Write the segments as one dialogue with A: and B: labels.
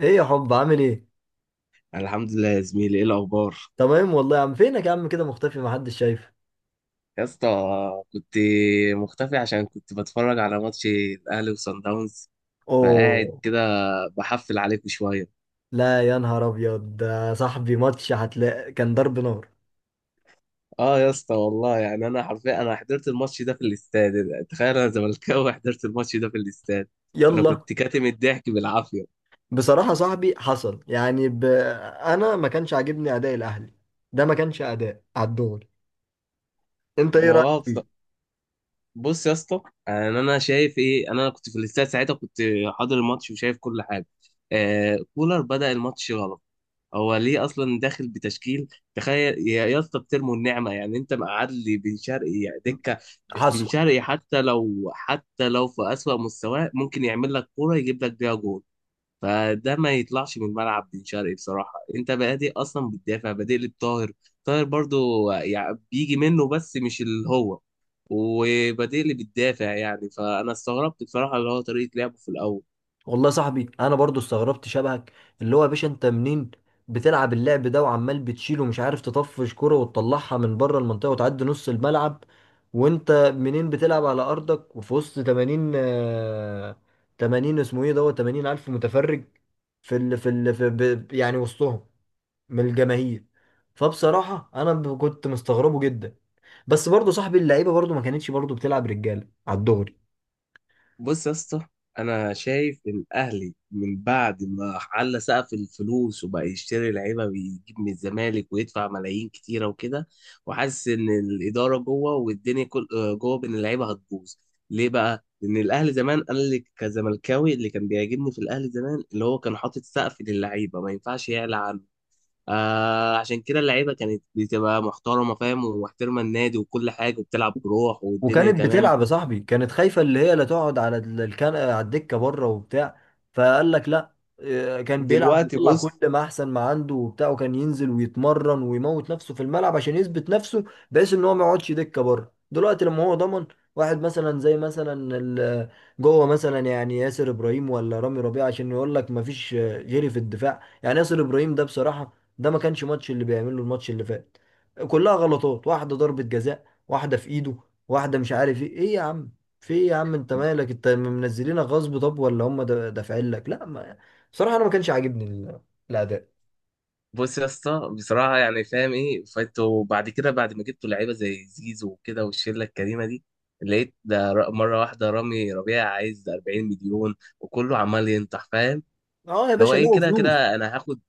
A: ايه يا حب، عامل ايه؟
B: الحمد لله يا زميلي، ايه الاخبار؟
A: تمام والله يا عم. فينك يا عم كده مختفي، محدش شايف؟
B: يا اسطى، كنت مختفي عشان كنت بتفرج على ماتش الاهلي وصن داونز، فقاعد
A: اوه.
B: كده بحفل عليكم شويه.
A: لا يا نهار ابيض، ده صاحبي ماتش هتلاقي كان ضرب نار.
B: اه يا اسطى، والله يعني انا حرفيا انا حضرت الماتش ده في الاستاد. تخيل، انا زملكاوي حضرت الماتش ده في الاستاد. انا
A: يلا،
B: كنت كاتم الضحك بالعافيه.
A: بصراحة صاحبي حصل انا ما كانش عاجبني اداء الاهلي، ده ما كانش اداء على الدغري. انت ايه
B: ما
A: رأيك
B: هو بص،
A: فيه؟
B: بص يا اسطى، يعني انا شايف ايه. انا كنت في الاستاد ساعتها، كنت حاضر الماتش وشايف كل حاجه. آه، كولر بدأ الماتش غلط. هو ليه اصلا داخل بتشكيل؟ تخيل يا اسطى، بترموا النعمه. يعني انت مقعد لي بن شرقي دكه؟ بن
A: حصل.
B: شرقي حتى لو في اسوأ مستواه ممكن يعمل لك كوره يجيب لك بيها جول. فده ما يطلعش من الملعب بن شرقي. بصراحه انت بادئ اصلا بتدافع، بادئ لي بطاهر. طاهر برضو يعني بيجي منه بس مش اللي هو، وبادئ لي بتدافع يعني، فانا استغربت بصراحه اللي هو طريقه لعبه في الاول.
A: والله يا صاحبي انا برضو استغربت شبهك. اللي هو يا باشا انت منين بتلعب اللعب ده، وعمال بتشيل ومش عارف تطفش كرة وتطلعها من بره المنطقة وتعدي نص الملعب، وانت منين بتلعب على ارضك وفي وسط 80، 80 اسمه ايه دوت، 80 الف متفرج في يعني وسطهم، من الجماهير. فبصراحة انا كنت مستغربه جدا. بس برضو صاحبي اللعيبة برضو ما كانتش برضو بتلعب رجالة على الدغري.
B: بص يا اسطى، انا شايف ان الاهلي من بعد ما على سقف الفلوس وبقى يشتري لعيبه ويجيب من الزمالك ويدفع ملايين كتيره وكده، وحاسس ان الاداره جوه والدنيا كل جوه بين اللعيبه هتبوظ. ليه بقى؟ لان الاهلي زمان، انا اللي كزملكاوي اللي كان بيعجبني في الاهلي زمان اللي هو كان حاطط سقف للعيبه ما ينفعش يعلى عنه. آه، عشان كده اللعيبه كانت بتبقى محترمه، فاهم، ومحترمه النادي وكل حاجه، وبتلعب بروح والدنيا
A: وكانت
B: تمام.
A: بتلعب يا صاحبي، كانت خايفة اللي هي لا تقعد على الكنقة، على الدكة بره وبتاع. فقال لك لا، كان بيلعب
B: دلوقتي
A: ويطلع كل
B: بص،
A: ما احسن ما عنده وبتاع، وكان ينزل ويتمرن ويموت نفسه في الملعب عشان يثبت نفسه، بحيث ان هو ما يقعدش دكة بره. دلوقتي لما هو ضمن واحد مثلا زي مثلا جوه مثلا يعني ياسر ابراهيم ولا رامي ربيعه، عشان يقول لك ما فيش غيري في الدفاع. يعني ياسر ابراهيم ده بصراحة ده ما كانش ماتش اللي بيعمله الماتش اللي فات، كلها غلطات. واحدة ضربة جزاء، واحدة في ايده، واحده مش عارف ايه. ايه يا عم، في ايه يا عم، انت مالك، انت منزلينك غصب؟ طب ولا هم دافعين لك؟ لا ما بصراحه انا ما كانش عاجبني الاداء.
B: بص يا اسطى بصراحه، يعني فاهم ايه؟ فانتوا بعد كده، بعد ما جبتوا لعيبه زي زيزو وكده والشله الكريمه دي، لقيت ده مره واحده رامي ربيع عايز 40 مليون وكله عمال ينطح، فاهم؟
A: اه يا
B: اللي هو
A: باشا،
B: ايه،
A: لقوا
B: كده
A: فلوس.
B: كده انا هاخد.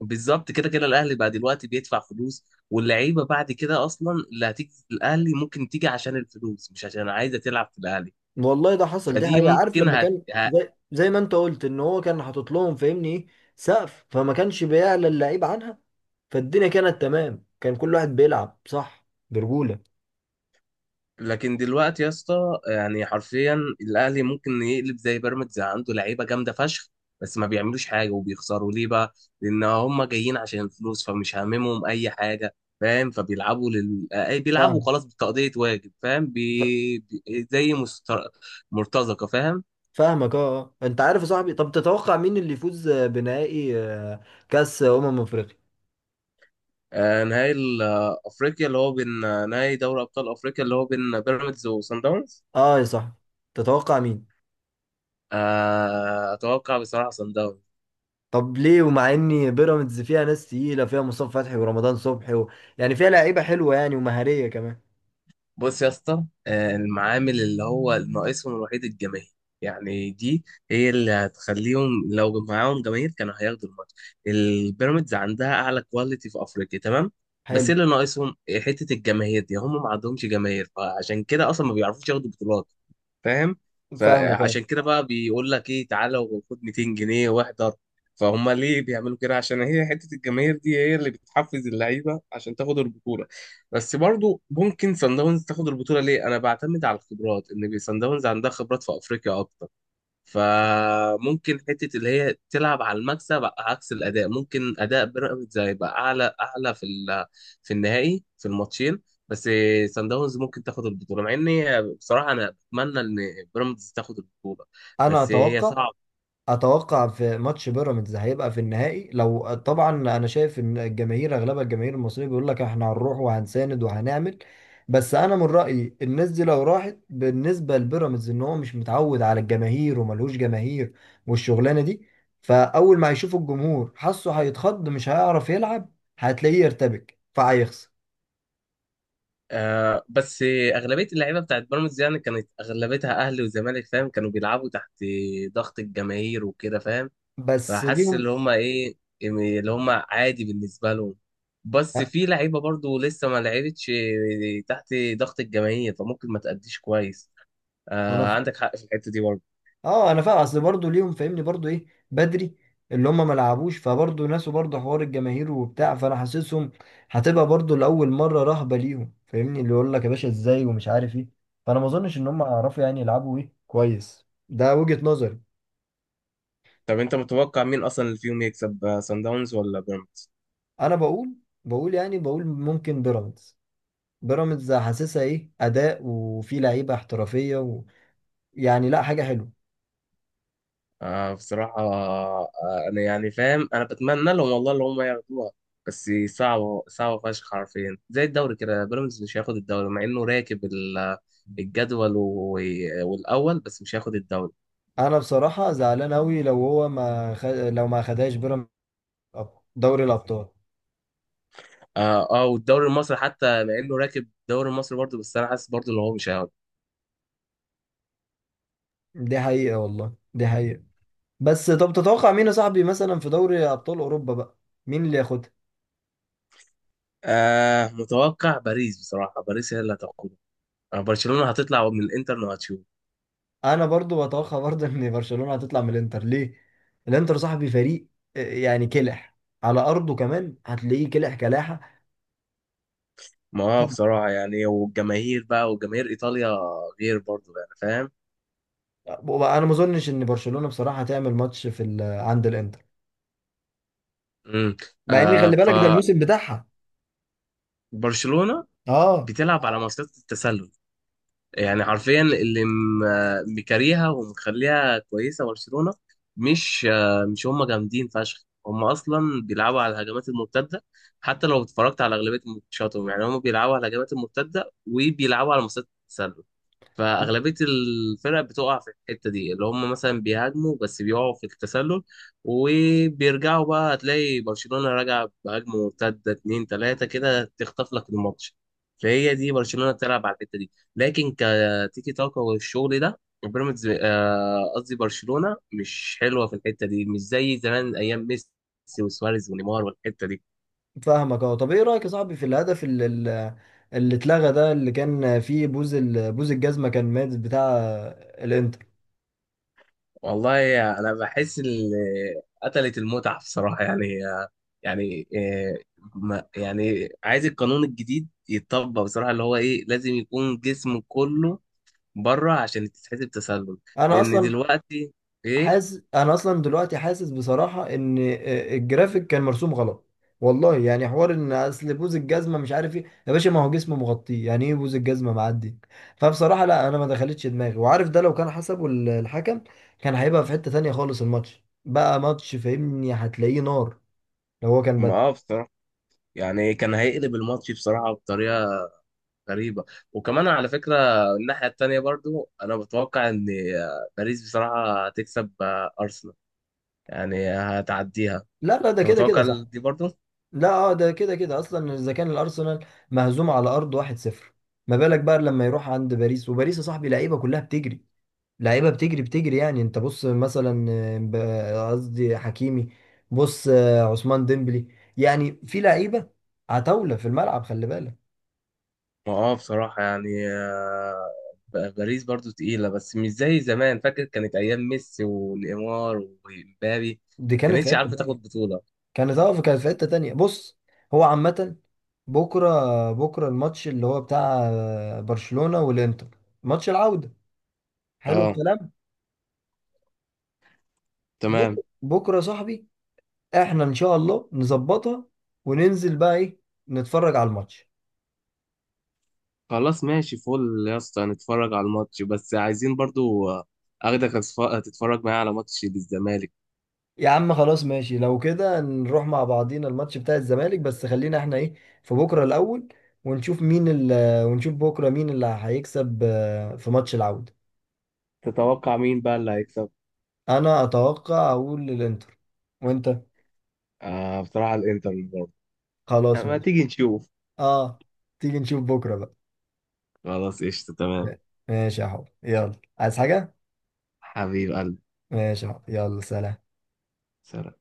B: بالظبط، كده كده الاهلي بعد دلوقتي بيدفع فلوس، واللعيبه بعد كده اصلا اللي هتيجي الاهلي ممكن تيجي عشان الفلوس مش عشان عايزه تلعب في الاهلي.
A: والله ده حصل، دي
B: فدي
A: حقيقه. عارف
B: ممكن
A: لما
B: هت...
A: كان زي زي ما انت قلت ان هو كان حاطط لهم فاهمني ايه؟ سقف، فما كانش بيعلى اللعيب عنها، فالدنيا كانت تمام، كان كل واحد بيلعب صح برجوله.
B: لكن دلوقتي يا اسطى يعني حرفيا، الاهلي ممكن يقلب زي بيراميدز، عنده لعيبه جامده فشخ بس ما بيعملوش حاجه وبيخسروا. ليه بقى؟ لان هم جايين عشان الفلوس، فمش هاممهم اي حاجه، فاهم؟ فبيلعبوا لل... أي بيلعبوا
A: فاهم.
B: خلاص، بتقضيه واجب، فاهم؟
A: ف-
B: زي مرتزقه، فاهم؟
A: فاهمك اه. انت عارف يا صاحبي، طب تتوقع مين اللي يفوز بنهائي كاس افريقيا؟
B: آه نهائي افريقيا اللي هو بين، آه، نهائي دوري ابطال افريقيا اللي هو بين بيراميدز وصن داونز.
A: اه يا صاحبي، تتوقع مين؟
B: آه، اتوقع بصراحه صن داونز.
A: طب ليه، ومع ان بيراميدز فيها ناس تقيله، فيها مصطفى فتحي ورمضان صبحي يعني فيها لعيبه حلوه يعني ومهاريه كمان.
B: بص يا اسطى، آه، المعامل اللي هو ناقصهم الوحيد الجماهير. يعني دي هي اللي هتخليهم، لو معاهم جماهير كانوا هياخدوا الماتش. البيراميدز عندها اعلى كواليتي في افريقيا تمام، بس
A: حلو.
B: اللي ناقصهم حته الجماهير دي. هم ما عندهمش جماهير، فعشان كده اصلا ما بيعرفوش ياخدوا بطولات، فاهم؟
A: فاهمك اه.
B: فعشان كده بقى بيقول لك ايه، تعالى وخد 200 جنيه واحضر. فهم ليه بيعملوا كده؟ عشان هي حتة الجماهير دي هي اللي بتحفز اللعيبة عشان تاخد البطولة. بس برضو ممكن سان داونز تاخد البطولة. ليه؟ انا بعتمد على الخبرات، ان سان داونز عندها خبرات في افريقيا اكتر. فممكن حته اللي هي تلعب على المكسب عكس الاداء. ممكن اداء بيراميدز هيبقى اعلى في في النهائي، في الماتشين، بس سان داونز ممكن تاخد البطوله، مع اني بصراحه انا اتمنى ان بيراميدز تاخد البطوله،
A: انا
B: بس هي
A: اتوقع،
B: صعبه.
A: اتوقع في ماتش بيراميدز هيبقى في النهائي. لو طبعا انا شايف ان الجماهير اغلبها الجماهير المصريه بيقول لك احنا هنروح وهنساند وهنعمل، بس انا من رايي الناس دي لو راحت بالنسبه لبيراميدز، ان هو مش متعود على الجماهير وملهوش جماهير، والشغلانه دي فاول ما هيشوف الجمهور حاسه هيتخض، مش هيعرف يلعب، هتلاقيه يرتبك فهيخسر.
B: آه، بس اغلبيه اللعيبه بتاعت بيراميدز يعني كانت اغلبيتها اهلي وزمالك، فاهم، كانوا بيلعبوا تحت ضغط الجماهير وكده، فاهم.
A: بس
B: فحاسس
A: ليهم
B: اللي هم ايه، اللي هم عادي بالنسبه لهم. بس
A: أه،
B: في لعيبه برضو لسه ما لعبتش تحت ضغط الجماهير، فممكن ما تأديش كويس. آه،
A: انا
B: عندك حق في الحته دي برضو.
A: اه انا فاهم. اصل برضه ليهم فاهمني برضه ايه، بدري. اللي هم ما لعبوش فبرضه ناسوا برضه حوار الجماهير وبتاع، فانا حاسسهم هتبقى برضه لاول مره رهبه ليهم فاهمني، اللي يقول لك يا باشا ازاي ومش عارف ايه، فانا ما اظنش ان هم هيعرفوا يعني يلعبوا ايه كويس. ده وجهه نظري.
B: طب انت متوقع مين اصلا اللي فيهم يكسب، آه، سان داونز ولا بيراميدز؟
A: انا بقول يعني، بقول ممكن بيراميدز حاسسها ايه اداء وفي لعيبه احترافيه يعني، لا حاجه حلوه.
B: آه بصراحه، آه، انا يعني فاهم، انا بتمنى لهم والله اللي هم ياخدوها، بس صعبه، صعبه فشخ حرفيا. زي الدوري كده، بيراميدز مش هياخد الدوري مع انه راكب الجدول والاول، بس مش هياخد الدوري.
A: انا بصراحه زعلان قوي لو هو ما خ... لو ما خدهاش بيراميدز دوري الابطال.
B: اه، اه، والدوري المصري حتى مع انه راكب الدوري المصري برضه، بس انا حاسس برضه ان هو مش هياخده.
A: دي حقيقة والله دي حقيقة. بس طب تتوقع مين يا صاحبي مثلا في دوري أبطال أوروبا بقى، مين اللي ياخدها؟
B: آه، متوقع باريس بصراحة، باريس هي اللي هتاخده. آه، برشلونة هتطلع من الانتر وهتشوف.
A: أنا برضو بتوقع برضو إن برشلونة هتطلع من الإنتر. ليه؟ الإنتر صاحبي فريق، يعني كلح، على أرضه كمان هتلاقيه كلح كلاحة.
B: ما هو بصراحة يعني، والجماهير بقى وجماهير ايطاليا غير برضه، يعني فاهم.
A: أنا ما أظنش إن برشلونة بصراحة هتعمل ماتش في عند الإنتر،
B: امم
A: مع إن
B: آه،
A: خلي بالك ده الموسم بتاعها.
B: فبرشلونة
A: أه.
B: بتلعب على مصيدة التسلل، يعني حرفيا اللي مكاريها ومخليها كويسه برشلونه. مش، آه، مش هم جامدين فشخ، هم اصلا بيلعبوا على الهجمات المرتده. حتى لو اتفرجت على اغلبيه ماتشاتهم، يعني هم بيلعبوا على الهجمات المرتده وبيلعبوا على مسات التسلل. فأغلبية الفرق بتقع في الحتة دي، اللي هم مثلا بيهاجموا بس بيقعوا في التسلل، وبيرجعوا بقى، هتلاقي برشلونة راجع بهجمة مرتدة اتنين تلاتة كده تخطف لك الماتش. فهي دي برشلونة بتلعب على الحتة دي، لكن كتيكي تاكا والشغل ده، بيراميدز آه، قصدي برشلونة مش حلوة في الحتة دي، مش زي زمان أيام ميسي وسواريز ونيمار والحتة دي.
A: فاهمك اه. طب ايه رايك يا صاحبي في الهدف اللي، اللي اتلغى ده، اللي كان فيه بوز بوز الجزمه كان مات بتاع الانتر؟
B: والله انا بحس اللي قتلت المتعه بصراحه، يعني يعني، آه، ما يعني عايز القانون الجديد يتطبق بصراحه، اللي هو ايه، لازم يكون جسم كله بره عشان تتحسب تسلل.
A: انا
B: لان
A: اصلا
B: دلوقتي ايه،
A: حاسس، انا اصلا دلوقتي حاسس بصراحه ان الجرافيك كان مرسوم غلط. والله يعني حوار ان اصل بوز الجزمه مش عارف ايه يا باشا، ما هو جسمه مغطيه، يعني ايه بوز الجزمه معدي؟ فبصراحه لا انا ما دخلتش دماغي. وعارف ده لو كان حسبه الحكم، كان هيبقى في حته تانية خالص الماتش، بقى ماتش فاهمني، هتلاقيه نار. لو هو كان
B: ما
A: بدل.
B: آه بصراحه يعني كان هيقلب الماتش بصراحه بطريقه غريبه. وكمان على فكره، الناحيه التانيه برضو، انا بتوقع ان، آه، باريس بصراحه هتكسب، آه، ارسنال، يعني هتعديها.
A: لا لا ده
B: انت
A: كده كده
B: متوقع
A: صح.
B: دي برضو؟
A: لا اه ده كده كده اصلا، اذا كان الارسنال مهزوم على ارض 1-0، ما بالك بقى لما يروح عند باريس؟ وباريس يا صاحبي لعيبه كلها بتجري، لعيبه بتجري بتجري. يعني انت بص مثلا قصدي حكيمي، بص عثمان ديمبلي، يعني في لعيبه عتاوله في الملعب خلي بالك.
B: ما اه بصراحة يعني، آه، باريس برضو تقيلة بس مش زي زمان، فاكر كانت أيام ميسي ونيمار ومبابي،
A: دي كانت في
B: كانتش
A: حته
B: عارفة
A: تانيه.
B: تاخد بطولة.
A: كانت اه كانت في حته تانيه بص. هو عامه بكره، بكره الماتش اللي هو بتاع برشلونه والانتر، ماتش العوده. حلو
B: اه،
A: الكلام.
B: تمام.
A: بكره بكره يا صاحبي احنا ان شاء الله نظبطها وننزل بقى ايه، نتفرج على الماتش.
B: خلاص ماشي، فل يا اسطى، نتفرج على الماتش، بس عايزين برضو، آه، تتفرج معايا على ماتش للزمالك.
A: يا عم خلاص ماشي. لو كده نروح مع بعضينا الماتش بتاع الزمالك، بس خلينا احنا ايه، في بكرة الأول، ونشوف مين ال آه، ونشوف بكرة مين اللي هيكسب في ماتش العودة.
B: تتوقع مين بقى اللي هيكسب؟
A: أنا أتوقع، أقول للإنتر. وأنت؟
B: آه بصراحة الإنتر برضه.
A: خلاص
B: ما
A: ماشي.
B: تيجي نشوف.
A: أه، تيجي نشوف بكرة بقى.
B: خلاص قشطة، تمام.
A: ماشي يا حب يلا، عايز حاجة؟
B: حبيب قلبي.
A: ماشي يا حب يلا سلام.
B: سلام.